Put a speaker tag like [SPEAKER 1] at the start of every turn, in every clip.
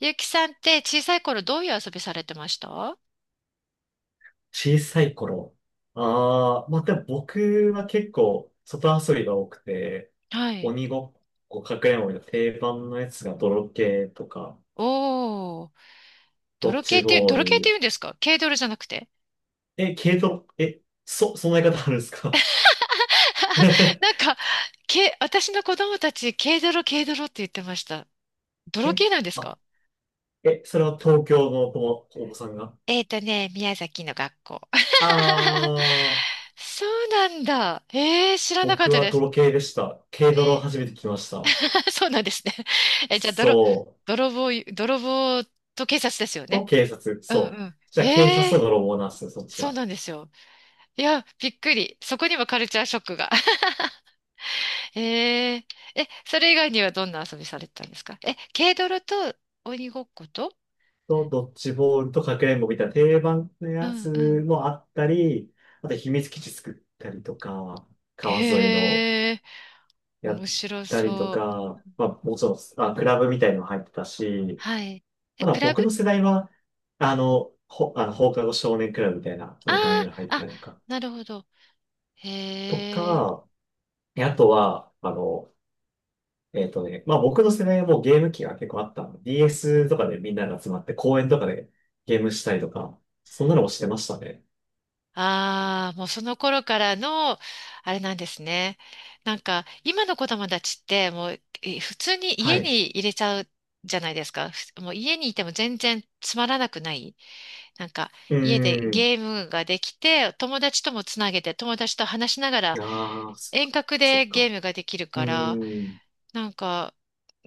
[SPEAKER 1] ゆきさんって小さい頃どういう遊びされてました？は
[SPEAKER 2] 小さい頃。でも僕は結構外遊びが多くて、
[SPEAKER 1] い。
[SPEAKER 2] 鬼ごっこ、かくれんぼの定番のやつが泥系とか、
[SPEAKER 1] おー、
[SPEAKER 2] ドッ
[SPEAKER 1] 泥系
[SPEAKER 2] ジ
[SPEAKER 1] っていう、
[SPEAKER 2] ボー
[SPEAKER 1] 泥系って言う
[SPEAKER 2] ル。
[SPEAKER 1] んですか？軽泥じゃなくて。
[SPEAKER 2] え、軽度、そんな言い方あるんですか？
[SPEAKER 1] なんか、私の子供たち、軽泥、軽泥って言ってました。泥
[SPEAKER 2] え、
[SPEAKER 1] 系なんです
[SPEAKER 2] あ、
[SPEAKER 1] か？
[SPEAKER 2] え、それは東京のお子さんが？
[SPEAKER 1] 宮崎の学校。
[SPEAKER 2] ああー、
[SPEAKER 1] そうなんだ。えー、知らなかっ
[SPEAKER 2] 僕
[SPEAKER 1] た
[SPEAKER 2] は
[SPEAKER 1] です。
[SPEAKER 2] 泥系でした。軽
[SPEAKER 1] え
[SPEAKER 2] 泥を
[SPEAKER 1] ー、
[SPEAKER 2] 初めて来ました。
[SPEAKER 1] そうなんですね。え、じゃあ、
[SPEAKER 2] そう。
[SPEAKER 1] 泥棒と警察ですよ
[SPEAKER 2] と
[SPEAKER 1] ね。
[SPEAKER 2] 警察、
[SPEAKER 1] うん
[SPEAKER 2] そ
[SPEAKER 1] う
[SPEAKER 2] う。
[SPEAKER 1] ん。
[SPEAKER 2] じゃあ警察
[SPEAKER 1] えー、
[SPEAKER 2] と泥棒なんですよ、そっち
[SPEAKER 1] そう
[SPEAKER 2] は。
[SPEAKER 1] なんですよ。いや、びっくり。そこにもカルチャーショックが。えええ、それ以外にはどんな遊びされてたんですか？軽泥と鬼ごっこと、
[SPEAKER 2] と、ドッジボールとかくれんぼみたいな定番の
[SPEAKER 1] う
[SPEAKER 2] や
[SPEAKER 1] ん
[SPEAKER 2] つ
[SPEAKER 1] うん。
[SPEAKER 2] もあったり、あと秘密基地作ったりとか、川沿いの
[SPEAKER 1] ええ、
[SPEAKER 2] やっ
[SPEAKER 1] 面白
[SPEAKER 2] たりと
[SPEAKER 1] そう。
[SPEAKER 2] か、まあもちろん、クラブみたいのも入ってたし、
[SPEAKER 1] はい。え、
[SPEAKER 2] ただ
[SPEAKER 1] クラブ？
[SPEAKER 2] 僕の世代は、あの、ほ、あの、放課後少年クラブみたいな、そ
[SPEAKER 1] あ
[SPEAKER 2] んな感じの入って
[SPEAKER 1] あー、あ、
[SPEAKER 2] たりとか、
[SPEAKER 1] なるほど。
[SPEAKER 2] と
[SPEAKER 1] へえ。
[SPEAKER 2] か、えあとは、まあ僕の世代はもうゲーム機が結構あったの。DS とかでみんなが集まって公園とかでゲームしたりとか、そんなのもしてましたね。
[SPEAKER 1] ああー、もうその頃からの、あれなんですね。なんか、今の子供たちって、もう、普通に
[SPEAKER 2] は
[SPEAKER 1] 家
[SPEAKER 2] い。
[SPEAKER 1] に入れちゃうじゃないですか。もう家にいても全然つまらなくない？なんか
[SPEAKER 2] う
[SPEAKER 1] 家で
[SPEAKER 2] ん。
[SPEAKER 1] ゲームができて、友達ともつなげて、友達と話しながら
[SPEAKER 2] ああ、そっ
[SPEAKER 1] 遠
[SPEAKER 2] か、
[SPEAKER 1] 隔
[SPEAKER 2] そっ
[SPEAKER 1] でゲ
[SPEAKER 2] か。
[SPEAKER 1] ームができる
[SPEAKER 2] う
[SPEAKER 1] から、
[SPEAKER 2] ん。
[SPEAKER 1] なんか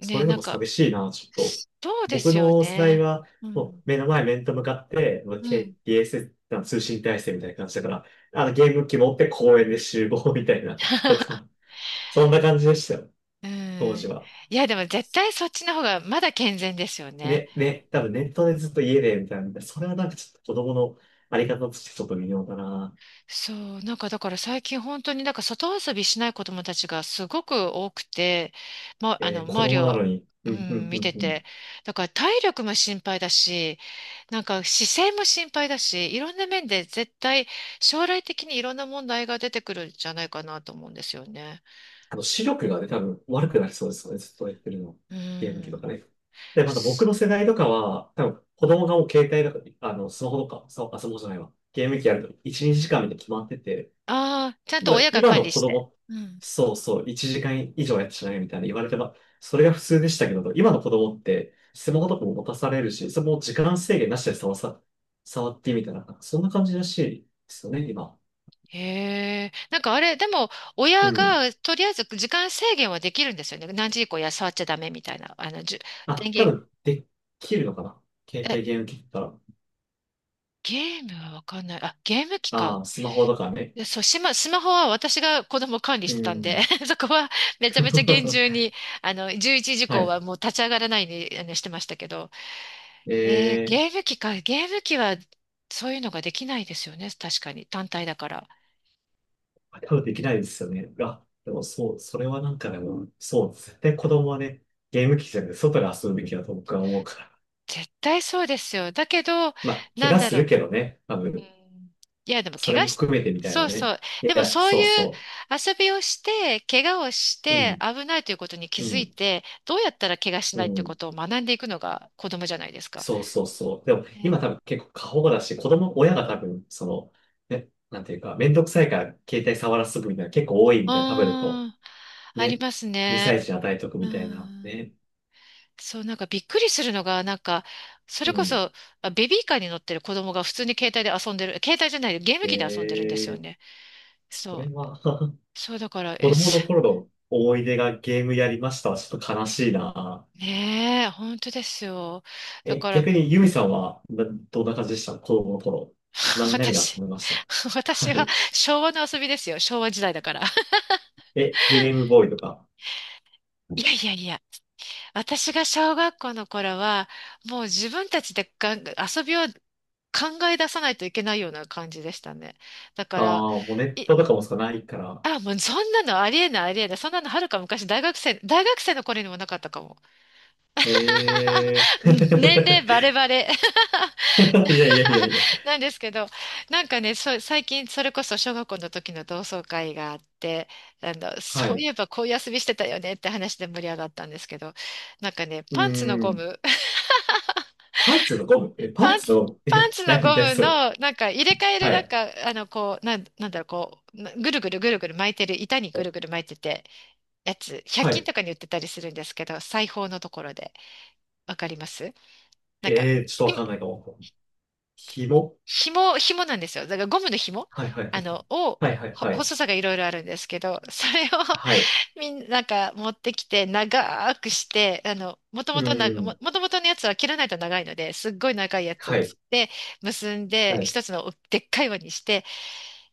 [SPEAKER 2] それで
[SPEAKER 1] なん
[SPEAKER 2] も
[SPEAKER 1] か、
[SPEAKER 2] 寂しいな、ちょっと。
[SPEAKER 1] そうで
[SPEAKER 2] 僕
[SPEAKER 1] すよ
[SPEAKER 2] の世代
[SPEAKER 1] ね。
[SPEAKER 2] は、
[SPEAKER 1] う
[SPEAKER 2] もう
[SPEAKER 1] ん。
[SPEAKER 2] 目の前面と向かって、まあ
[SPEAKER 1] うん。う
[SPEAKER 2] ケー
[SPEAKER 1] ん。
[SPEAKER 2] t s あの通信体制みたいな感じだから、あのゲーム機持って公園で集合みたいな、と か、そんな感じでしたよ、当時は。
[SPEAKER 1] いや、でも絶対そっちの方がまだ健全ですよね。
[SPEAKER 2] ね、ね、多分ネットでずっと家で、みたいな。それはなんかちょっと子供のあり方としてちょっと微妙だな。
[SPEAKER 1] そう。なんかだから最近本当になんか外遊びしない子供たちがすごく多くて、ま、
[SPEAKER 2] えー子
[SPEAKER 1] 周り
[SPEAKER 2] 供な
[SPEAKER 1] を、
[SPEAKER 2] のに。
[SPEAKER 1] う
[SPEAKER 2] うん、う
[SPEAKER 1] ん、
[SPEAKER 2] ん、う
[SPEAKER 1] 見
[SPEAKER 2] ん、
[SPEAKER 1] て
[SPEAKER 2] うん。
[SPEAKER 1] て。だから体力も心配だし、なんか姿勢も心配だし、いろんな面で絶対将来的にいろんな問題が出てくるんじゃないかなと思うんですよね。
[SPEAKER 2] あの、視力がね、多分悪くなりそうですよね。ずっとやってるの。
[SPEAKER 1] う
[SPEAKER 2] ゲーム機とか
[SPEAKER 1] ん。
[SPEAKER 2] ね。で、また僕の世代とかは、多分子供がもう携帯とか、あの、スマホとか、スマホ、あスマホじゃないわ。ゲーム機やると1、2時間みたいに決まってて、
[SPEAKER 1] ああ、ちゃんと
[SPEAKER 2] まだ
[SPEAKER 1] 親が
[SPEAKER 2] 今
[SPEAKER 1] 管
[SPEAKER 2] の
[SPEAKER 1] 理
[SPEAKER 2] 子
[SPEAKER 1] して。
[SPEAKER 2] 供、
[SPEAKER 1] うん。
[SPEAKER 2] そうそう、1時間以上やってしないみたいな言われてば、それが普通でしたけど、今の子供って、スマホとかも持たされるし、それも時間制限なしで触ってみたいな、そんな感じらしいですよね、今。
[SPEAKER 1] へえ。なんかあれ、でも
[SPEAKER 2] う
[SPEAKER 1] 親
[SPEAKER 2] ん。
[SPEAKER 1] がとりあえず時間制限はできるんですよね。何時以降や触っちゃダメみたいな。電
[SPEAKER 2] あ、多
[SPEAKER 1] 源、
[SPEAKER 2] 分、できるのかな携
[SPEAKER 1] え、
[SPEAKER 2] 帯ゲーム機だったら。
[SPEAKER 1] ゲームはわかんない。あ、ゲーム機か。
[SPEAKER 2] ああ、スマホとかね。
[SPEAKER 1] でそう、スマホは私が子供を管理し
[SPEAKER 2] う
[SPEAKER 1] てたんで、
[SPEAKER 2] ん。
[SPEAKER 1] そこはめちゃめちゃ厳重 に、11時以
[SPEAKER 2] は
[SPEAKER 1] 降
[SPEAKER 2] い。
[SPEAKER 1] はもう立ち上がらないようにしてましたけど、
[SPEAKER 2] ええ
[SPEAKER 1] ゲーム機か、ゲーム機はそういうのができないですよね、確かに、単体だから。
[SPEAKER 2] ー、多分できないですよね。でもそう、それはなんかでも、そう、絶対子
[SPEAKER 1] うん。
[SPEAKER 2] 供はね、ゲーム機じゃなくて外で遊ぶべきだと僕は思うから。
[SPEAKER 1] 絶対そうですよ。だけど、
[SPEAKER 2] まあ、怪
[SPEAKER 1] なん
[SPEAKER 2] 我
[SPEAKER 1] だ
[SPEAKER 2] する
[SPEAKER 1] ろ
[SPEAKER 2] けどね、多
[SPEAKER 1] う。う
[SPEAKER 2] 分、
[SPEAKER 1] ん、いや、でも
[SPEAKER 2] そ
[SPEAKER 1] 怪
[SPEAKER 2] れ
[SPEAKER 1] 我
[SPEAKER 2] も
[SPEAKER 1] し、
[SPEAKER 2] 含めてみたい
[SPEAKER 1] そ
[SPEAKER 2] な
[SPEAKER 1] うそ
[SPEAKER 2] ね。
[SPEAKER 1] う。
[SPEAKER 2] い
[SPEAKER 1] でも
[SPEAKER 2] や、
[SPEAKER 1] そう
[SPEAKER 2] そう
[SPEAKER 1] いう
[SPEAKER 2] そ
[SPEAKER 1] 遊びをして、怪我をし
[SPEAKER 2] う。う
[SPEAKER 1] て
[SPEAKER 2] ん、
[SPEAKER 1] 危ないということに気
[SPEAKER 2] う
[SPEAKER 1] づい
[SPEAKER 2] ん、
[SPEAKER 1] て、どうやったら怪我し
[SPEAKER 2] う
[SPEAKER 1] ないというこ
[SPEAKER 2] ん。
[SPEAKER 1] とを学んでいくのが子供じゃないですか。
[SPEAKER 2] そうそうそう。でも、
[SPEAKER 1] ね。
[SPEAKER 2] 今多分結構過保護だし、子供、親が多分、その、ね、なんていうか、めんどくさいから携帯触らせとくみたいな結構多いみ
[SPEAKER 1] う
[SPEAKER 2] たいな、タブレット。
[SPEAKER 1] ーん、あり
[SPEAKER 2] ね、
[SPEAKER 1] ます
[SPEAKER 2] 2
[SPEAKER 1] ね。
[SPEAKER 2] 歳児に与えとく
[SPEAKER 1] う
[SPEAKER 2] みたいな、
[SPEAKER 1] ん。
[SPEAKER 2] ね。
[SPEAKER 1] そう、なんかびっくりするのが、なんか、それ
[SPEAKER 2] う
[SPEAKER 1] こ
[SPEAKER 2] ん。
[SPEAKER 1] そ、あ、ベビーカーに乗ってる子供が普通に携帯で遊んでる、携帯じゃない、ゲーム機で遊んでるんですよ
[SPEAKER 2] えー、
[SPEAKER 1] ね。
[SPEAKER 2] そ
[SPEAKER 1] そ
[SPEAKER 2] れ
[SPEAKER 1] う。
[SPEAKER 2] は
[SPEAKER 1] そうだから、
[SPEAKER 2] 子供の頃の思い出がゲームやりましたはちょっと悲しいな。
[SPEAKER 1] ねえ、本当ですよ。だ
[SPEAKER 2] え、
[SPEAKER 1] から、
[SPEAKER 2] 逆にユミさんは、などんな感じでした子供の頃。何、何で遊
[SPEAKER 1] 私、
[SPEAKER 2] びました？は
[SPEAKER 1] 私は
[SPEAKER 2] い。
[SPEAKER 1] 昭和の遊びですよ。昭和時代だから。
[SPEAKER 2] え、ゲームボーイとか。
[SPEAKER 1] いやいやいや。私が小学校の頃は、もう自分たちで遊びを考え出さないといけないような感じでしたね。だか
[SPEAKER 2] ああ、
[SPEAKER 1] ら、
[SPEAKER 2] もうネッ
[SPEAKER 1] い、
[SPEAKER 2] トとかもしかないから。
[SPEAKER 1] あ、もうそんなのありえないありえない。そんなのはるか昔大学生の頃にもなかったかも。
[SPEAKER 2] え え
[SPEAKER 1] 年齢バレ
[SPEAKER 2] ー。
[SPEAKER 1] バレ。
[SPEAKER 2] いやいやいや いや。
[SPEAKER 1] なんですけど、なんかね、そう、最近それこそ小学校の時の同窓会があって、
[SPEAKER 2] は
[SPEAKER 1] そうい
[SPEAKER 2] い。
[SPEAKER 1] えばこういう遊びしてたよねって話で盛り上がったんですけど、なんかね、
[SPEAKER 2] うー
[SPEAKER 1] パンツのゴ
[SPEAKER 2] ん。
[SPEAKER 1] ム、
[SPEAKER 2] パンツのゴム？え、パ
[SPEAKER 1] パ
[SPEAKER 2] ン
[SPEAKER 1] ン
[SPEAKER 2] ツ
[SPEAKER 1] ツ、
[SPEAKER 2] のゴム？
[SPEAKER 1] パン
[SPEAKER 2] え、
[SPEAKER 1] ツの
[SPEAKER 2] 何、
[SPEAKER 1] ゴ
[SPEAKER 2] 何
[SPEAKER 1] ム
[SPEAKER 2] それ？
[SPEAKER 1] の、なんか入れ替える、
[SPEAKER 2] は
[SPEAKER 1] なん
[SPEAKER 2] い。
[SPEAKER 1] か、こう、なんだろう、こう、ぐるぐるぐるぐる巻いてる、板にぐるぐる巻いてて、やつ、
[SPEAKER 2] は
[SPEAKER 1] 100均
[SPEAKER 2] い。
[SPEAKER 1] とかに売ってたりするんですけど、裁縫のところで、わかります？なんか、
[SPEAKER 2] ええーちょっとわかんないかも。ひも？
[SPEAKER 1] 紐なんですよ。だからゴムの紐、
[SPEAKER 2] はいはいはい。
[SPEAKER 1] を、
[SPEAKER 2] はいはいはい。
[SPEAKER 1] 細さがいろいろあるんですけど、それを
[SPEAKER 2] はい。
[SPEAKER 1] みんな、持ってきて、長くして、もと
[SPEAKER 2] う
[SPEAKER 1] もとな、
[SPEAKER 2] ー
[SPEAKER 1] も
[SPEAKER 2] ん。
[SPEAKER 1] ともとのやつは切らないと長いので、すっごい長いやつを
[SPEAKER 2] は
[SPEAKER 1] つっ
[SPEAKER 2] い。
[SPEAKER 1] て、結ん
[SPEAKER 2] は
[SPEAKER 1] で、
[SPEAKER 2] い。
[SPEAKER 1] 一つのでっかい輪にして、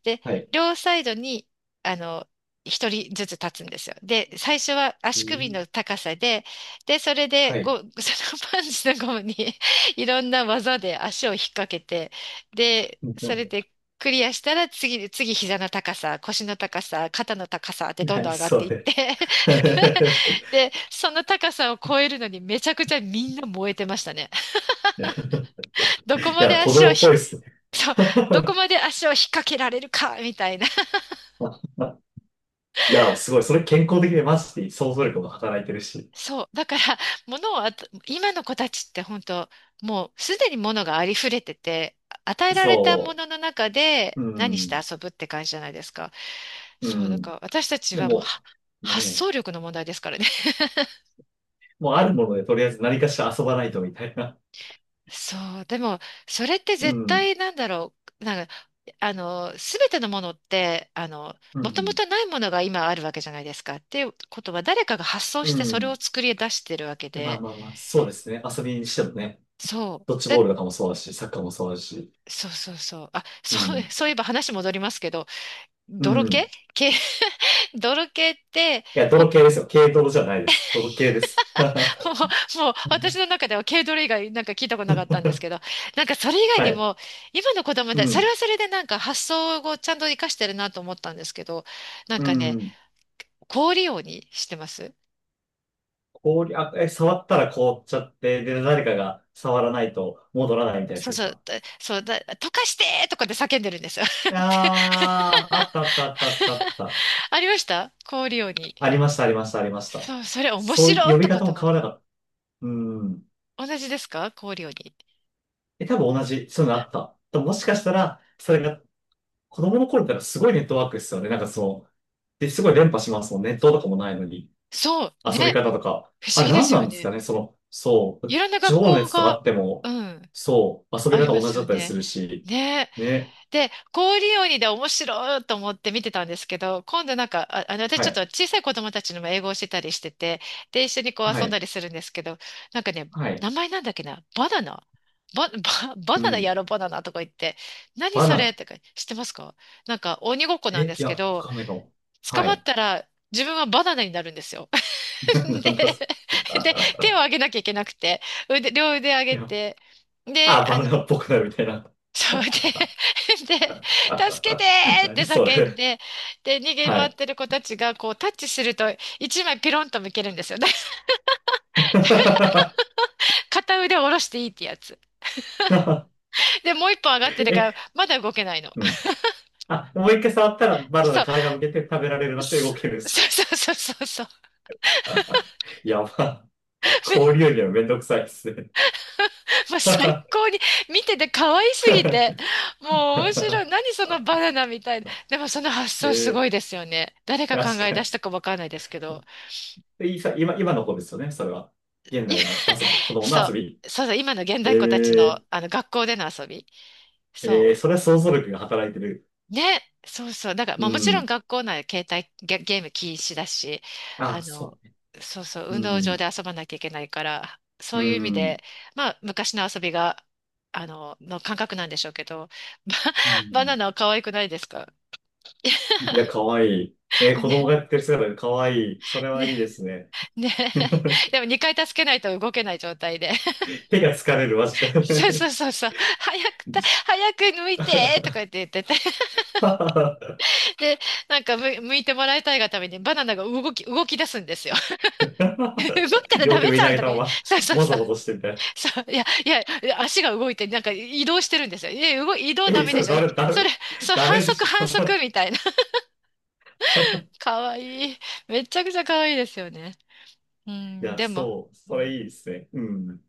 [SPEAKER 1] で、
[SPEAKER 2] はい。
[SPEAKER 1] 両サイドに、あの、一人ずつ立つんですよ。で、最初は
[SPEAKER 2] うー
[SPEAKER 1] 足首
[SPEAKER 2] ん。
[SPEAKER 1] の高さで、それで、
[SPEAKER 2] は
[SPEAKER 1] こ
[SPEAKER 2] い。
[SPEAKER 1] う、そのパンチのゴムに いろんな技で足を引っ掛けて、で、そ
[SPEAKER 2] な、
[SPEAKER 1] れでクリアしたら次膝の高さ、腰の高さ、肩の高さってどんど
[SPEAKER 2] 何
[SPEAKER 1] ん上がっ
[SPEAKER 2] そ
[SPEAKER 1] ていって、
[SPEAKER 2] れ。
[SPEAKER 1] で、その高さを超えるのにめちゃくちゃみんな燃えてましたね。
[SPEAKER 2] い
[SPEAKER 1] どこまで
[SPEAKER 2] や、子
[SPEAKER 1] 足を
[SPEAKER 2] 供っぽいっすね。
[SPEAKER 1] そう、どこまで足を引っ掛けられるか、みたいな。
[SPEAKER 2] いや、すごい。それ健康的でマジで想像力も働いてるし。
[SPEAKER 1] そう。だから、あと、今の子たちって本当、もうすでに物がありふれてて、与えられたも
[SPEAKER 2] そ
[SPEAKER 1] のの中で
[SPEAKER 2] う。う
[SPEAKER 1] 何して
[SPEAKER 2] ん。
[SPEAKER 1] 遊ぶって感じじゃないですか。
[SPEAKER 2] う
[SPEAKER 1] そう。だか
[SPEAKER 2] ん。
[SPEAKER 1] ら、私たち
[SPEAKER 2] で
[SPEAKER 1] はもう
[SPEAKER 2] も、
[SPEAKER 1] は、
[SPEAKER 2] ね
[SPEAKER 1] 発
[SPEAKER 2] え。
[SPEAKER 1] 想力の問題ですからね。
[SPEAKER 2] もうあるものでとりあえず何かしら遊ばないとみたいな。
[SPEAKER 1] そう。でも、それって
[SPEAKER 2] う
[SPEAKER 1] 絶
[SPEAKER 2] ん。
[SPEAKER 1] 対なんだろう。なんか、すべてのものって、
[SPEAKER 2] う
[SPEAKER 1] もとも
[SPEAKER 2] ん。
[SPEAKER 1] とないものが今あるわけじゃないですか。っていうことは、誰かが発想
[SPEAKER 2] う
[SPEAKER 1] してそれを
[SPEAKER 2] ん。
[SPEAKER 1] 作り出してるわけ
[SPEAKER 2] まあ
[SPEAKER 1] で、
[SPEAKER 2] まあまあ、そうですね。遊びにしてもね、
[SPEAKER 1] そ
[SPEAKER 2] ドッ
[SPEAKER 1] う。
[SPEAKER 2] ジボールとかもそうだし、サッカーもそうだし、
[SPEAKER 1] そうそうそう。あ、
[SPEAKER 2] う
[SPEAKER 1] そう、
[SPEAKER 2] ん。
[SPEAKER 1] そういえば話戻りますけど、
[SPEAKER 2] う
[SPEAKER 1] 泥系
[SPEAKER 2] ん。
[SPEAKER 1] 系、泥系って、
[SPEAKER 2] いや、
[SPEAKER 1] ほ、
[SPEAKER 2] 泥系ですよ。軽泥じゃないです。泥系です。
[SPEAKER 1] もう私の中では軽泥以外なんか聞いたことなかったんですけど、なんかそれ以外
[SPEAKER 2] は
[SPEAKER 1] に
[SPEAKER 2] い。
[SPEAKER 1] も、今の子供
[SPEAKER 2] う
[SPEAKER 1] だ、それ
[SPEAKER 2] ん。
[SPEAKER 1] はそれでなんか発想をちゃんと活かしてるなと思ったんですけど、なん
[SPEAKER 2] う
[SPEAKER 1] かね、
[SPEAKER 2] ん。
[SPEAKER 1] 氷利用にしてます？
[SPEAKER 2] 氷、触ったら凍っちゃって、で、誰かが触らないと戻らないみたいなやつ
[SPEAKER 1] そう
[SPEAKER 2] で
[SPEAKER 1] そ
[SPEAKER 2] す
[SPEAKER 1] う、
[SPEAKER 2] か？
[SPEAKER 1] そうだ、溶かしてーとかで叫んでるんですよ。って
[SPEAKER 2] ああー、あったあったあったあっ たあった。
[SPEAKER 1] ありました氷利用に？
[SPEAKER 2] ありました、ありました、ありました。
[SPEAKER 1] そう、それ面
[SPEAKER 2] そう、
[SPEAKER 1] 白い
[SPEAKER 2] 呼び
[SPEAKER 1] とか
[SPEAKER 2] 方
[SPEAKER 1] と
[SPEAKER 2] も
[SPEAKER 1] 思っ
[SPEAKER 2] 変
[SPEAKER 1] て。
[SPEAKER 2] わらなかった。うん。
[SPEAKER 1] 同じですか？氷利用に。
[SPEAKER 2] え、多分同じ、そういうのあった。でももしかしたら、それが子供の頃ってなんかすごいネットワークですよね。なんかそう。で、すごい連覇しますもん。ネットとかもないのに。
[SPEAKER 1] そう、
[SPEAKER 2] 遊び
[SPEAKER 1] ね。
[SPEAKER 2] 方とか。
[SPEAKER 1] 不思
[SPEAKER 2] あれ
[SPEAKER 1] 議で
[SPEAKER 2] 何
[SPEAKER 1] す
[SPEAKER 2] な
[SPEAKER 1] よ
[SPEAKER 2] んです
[SPEAKER 1] ね。
[SPEAKER 2] かねその、そ
[SPEAKER 1] い
[SPEAKER 2] う。
[SPEAKER 1] ろんな
[SPEAKER 2] 地
[SPEAKER 1] 学
[SPEAKER 2] 方のや
[SPEAKER 1] 校
[SPEAKER 2] つとか
[SPEAKER 1] が、
[SPEAKER 2] あって
[SPEAKER 1] う
[SPEAKER 2] も、
[SPEAKER 1] ん、
[SPEAKER 2] そう。遊び
[SPEAKER 1] あ
[SPEAKER 2] 方
[SPEAKER 1] りま
[SPEAKER 2] 同じ
[SPEAKER 1] す
[SPEAKER 2] だ
[SPEAKER 1] よ
[SPEAKER 2] ったりす
[SPEAKER 1] ね。
[SPEAKER 2] るし。
[SPEAKER 1] ね。
[SPEAKER 2] ね。
[SPEAKER 1] で、氷鬼で面白いと思って見てたんですけど、今度なんか、あ、私
[SPEAKER 2] は
[SPEAKER 1] ちょっと
[SPEAKER 2] い。
[SPEAKER 1] 小さい子供たちにも英語をしてたりしてて、で、一緒にこう
[SPEAKER 2] は
[SPEAKER 1] 遊んだ
[SPEAKER 2] い。
[SPEAKER 1] りするんですけど、なんかね、
[SPEAKER 2] はい。
[SPEAKER 1] 名前なんだっけな、バナナバ、バ、バ
[SPEAKER 2] う
[SPEAKER 1] ナナ
[SPEAKER 2] ん。
[SPEAKER 1] やろバナナとか言って、何
[SPEAKER 2] バ
[SPEAKER 1] そ
[SPEAKER 2] ナ
[SPEAKER 1] れ
[SPEAKER 2] ナ。
[SPEAKER 1] とか知ってますか？なんか鬼ごっこなん
[SPEAKER 2] え、
[SPEAKER 1] で
[SPEAKER 2] い
[SPEAKER 1] す
[SPEAKER 2] や、
[SPEAKER 1] け
[SPEAKER 2] わ
[SPEAKER 1] ど、
[SPEAKER 2] かんないかも。
[SPEAKER 1] 捕
[SPEAKER 2] は
[SPEAKER 1] まっ
[SPEAKER 2] い。
[SPEAKER 1] たら自分はバナナになるんですよ。
[SPEAKER 2] な
[SPEAKER 1] で、
[SPEAKER 2] んだす。
[SPEAKER 1] で、手を
[SPEAKER 2] い
[SPEAKER 1] 上げなきゃいけなくて、両腕上げ
[SPEAKER 2] や、
[SPEAKER 1] て、で、
[SPEAKER 2] あ、バナナっぽくなるみたいな。
[SPEAKER 1] そうで、で、助けて ーって
[SPEAKER 2] 何そ
[SPEAKER 1] 叫ん
[SPEAKER 2] れ。
[SPEAKER 1] で、で、逃げ
[SPEAKER 2] は
[SPEAKER 1] 回っ
[SPEAKER 2] い。
[SPEAKER 1] てる子たちが、こう、タッチすると、一枚ピロンと向けるんですよ。片腕を下ろしていいってやつ。で、もう一本上がってるから、
[SPEAKER 2] え、
[SPEAKER 1] まだ動けないの。
[SPEAKER 2] うん。あ、もう一回触ったらバナナ
[SPEAKER 1] そ
[SPEAKER 2] 皮がむけて食べられる
[SPEAKER 1] う、
[SPEAKER 2] なって動きで す。
[SPEAKER 1] そうそうそうそうそう。
[SPEAKER 2] やば。氷よりはめんどくさいですね。
[SPEAKER 1] もう最 高に見てて可愛すぎて、もう面白い。何そのバナナみたいな。でもその発
[SPEAKER 2] え
[SPEAKER 1] 想すご
[SPEAKER 2] ー、
[SPEAKER 1] いですよね。誰が考
[SPEAKER 2] 確
[SPEAKER 1] え
[SPEAKER 2] かに。
[SPEAKER 1] 出したかわかんないですけど。
[SPEAKER 2] で今、今の子ですよね、それは。現
[SPEAKER 1] い
[SPEAKER 2] 代の遊び、子供の
[SPEAKER 1] そ
[SPEAKER 2] 遊び。
[SPEAKER 1] う、そうそう、今の現
[SPEAKER 2] え
[SPEAKER 1] 代っ子たちの、
[SPEAKER 2] ー、
[SPEAKER 1] あの学校での遊び。そ
[SPEAKER 2] えー、
[SPEAKER 1] う。
[SPEAKER 2] それは想像力が働いてる。
[SPEAKER 1] ね、そうそう。だから、
[SPEAKER 2] う
[SPEAKER 1] まあもちろん
[SPEAKER 2] ん。
[SPEAKER 1] 学校内で携帯ゲーム禁止だし、あ
[SPEAKER 2] あ、
[SPEAKER 1] の、
[SPEAKER 2] そ
[SPEAKER 1] そうそう、
[SPEAKER 2] う。
[SPEAKER 1] 運
[SPEAKER 2] う
[SPEAKER 1] 動場
[SPEAKER 2] ん。
[SPEAKER 1] で遊ばなきゃいけないから、そ
[SPEAKER 2] う
[SPEAKER 1] ういう意味
[SPEAKER 2] ん。
[SPEAKER 1] で、まあ昔の遊びが、の感覚なんでしょうけど、
[SPEAKER 2] う
[SPEAKER 1] バナ
[SPEAKER 2] ん。
[SPEAKER 1] ナは可愛くないですか？
[SPEAKER 2] いや、かわいい。えー、子供
[SPEAKER 1] ね、
[SPEAKER 2] がやってる姿がかわいい。それは
[SPEAKER 1] ね、
[SPEAKER 2] いいですね。
[SPEAKER 1] ね。でも2回助けないと動けない状態で。
[SPEAKER 2] 手が疲れる、マジ
[SPEAKER 1] そうそ
[SPEAKER 2] で。
[SPEAKER 1] うそうそう。早く抜いてとか 言ってて。で、なんか向いてもらいたいがためにバナナが動き出すんですよ。動いた らダ
[SPEAKER 2] 両手
[SPEAKER 1] メ
[SPEAKER 2] 上
[SPEAKER 1] じ
[SPEAKER 2] に投
[SPEAKER 1] ゃん
[SPEAKER 2] げ
[SPEAKER 1] と
[SPEAKER 2] た
[SPEAKER 1] か
[SPEAKER 2] ま
[SPEAKER 1] 言う、
[SPEAKER 2] ま、
[SPEAKER 1] そうそう
[SPEAKER 2] も
[SPEAKER 1] そ
[SPEAKER 2] ぞ
[SPEAKER 1] う、
[SPEAKER 2] もぞしてみたい
[SPEAKER 1] そう、いや、いや、いや足が動いて、なんか移動してるんですよ。え、移動
[SPEAKER 2] な。
[SPEAKER 1] ダ
[SPEAKER 2] え、
[SPEAKER 1] メ
[SPEAKER 2] そ
[SPEAKER 1] で
[SPEAKER 2] れ
[SPEAKER 1] しょ。
[SPEAKER 2] ダメ、ダ
[SPEAKER 1] そ
[SPEAKER 2] メ、
[SPEAKER 1] れ、そう、
[SPEAKER 2] ダ
[SPEAKER 1] 反
[SPEAKER 2] メで
[SPEAKER 1] 則
[SPEAKER 2] し
[SPEAKER 1] 反則
[SPEAKER 2] ょ。
[SPEAKER 1] みたいな。かわいい。めちゃくちゃかわいいですよね。う
[SPEAKER 2] い
[SPEAKER 1] ん、
[SPEAKER 2] や、
[SPEAKER 1] でも、
[SPEAKER 2] そう、
[SPEAKER 1] う
[SPEAKER 2] それ
[SPEAKER 1] ん
[SPEAKER 2] いいですね。うん。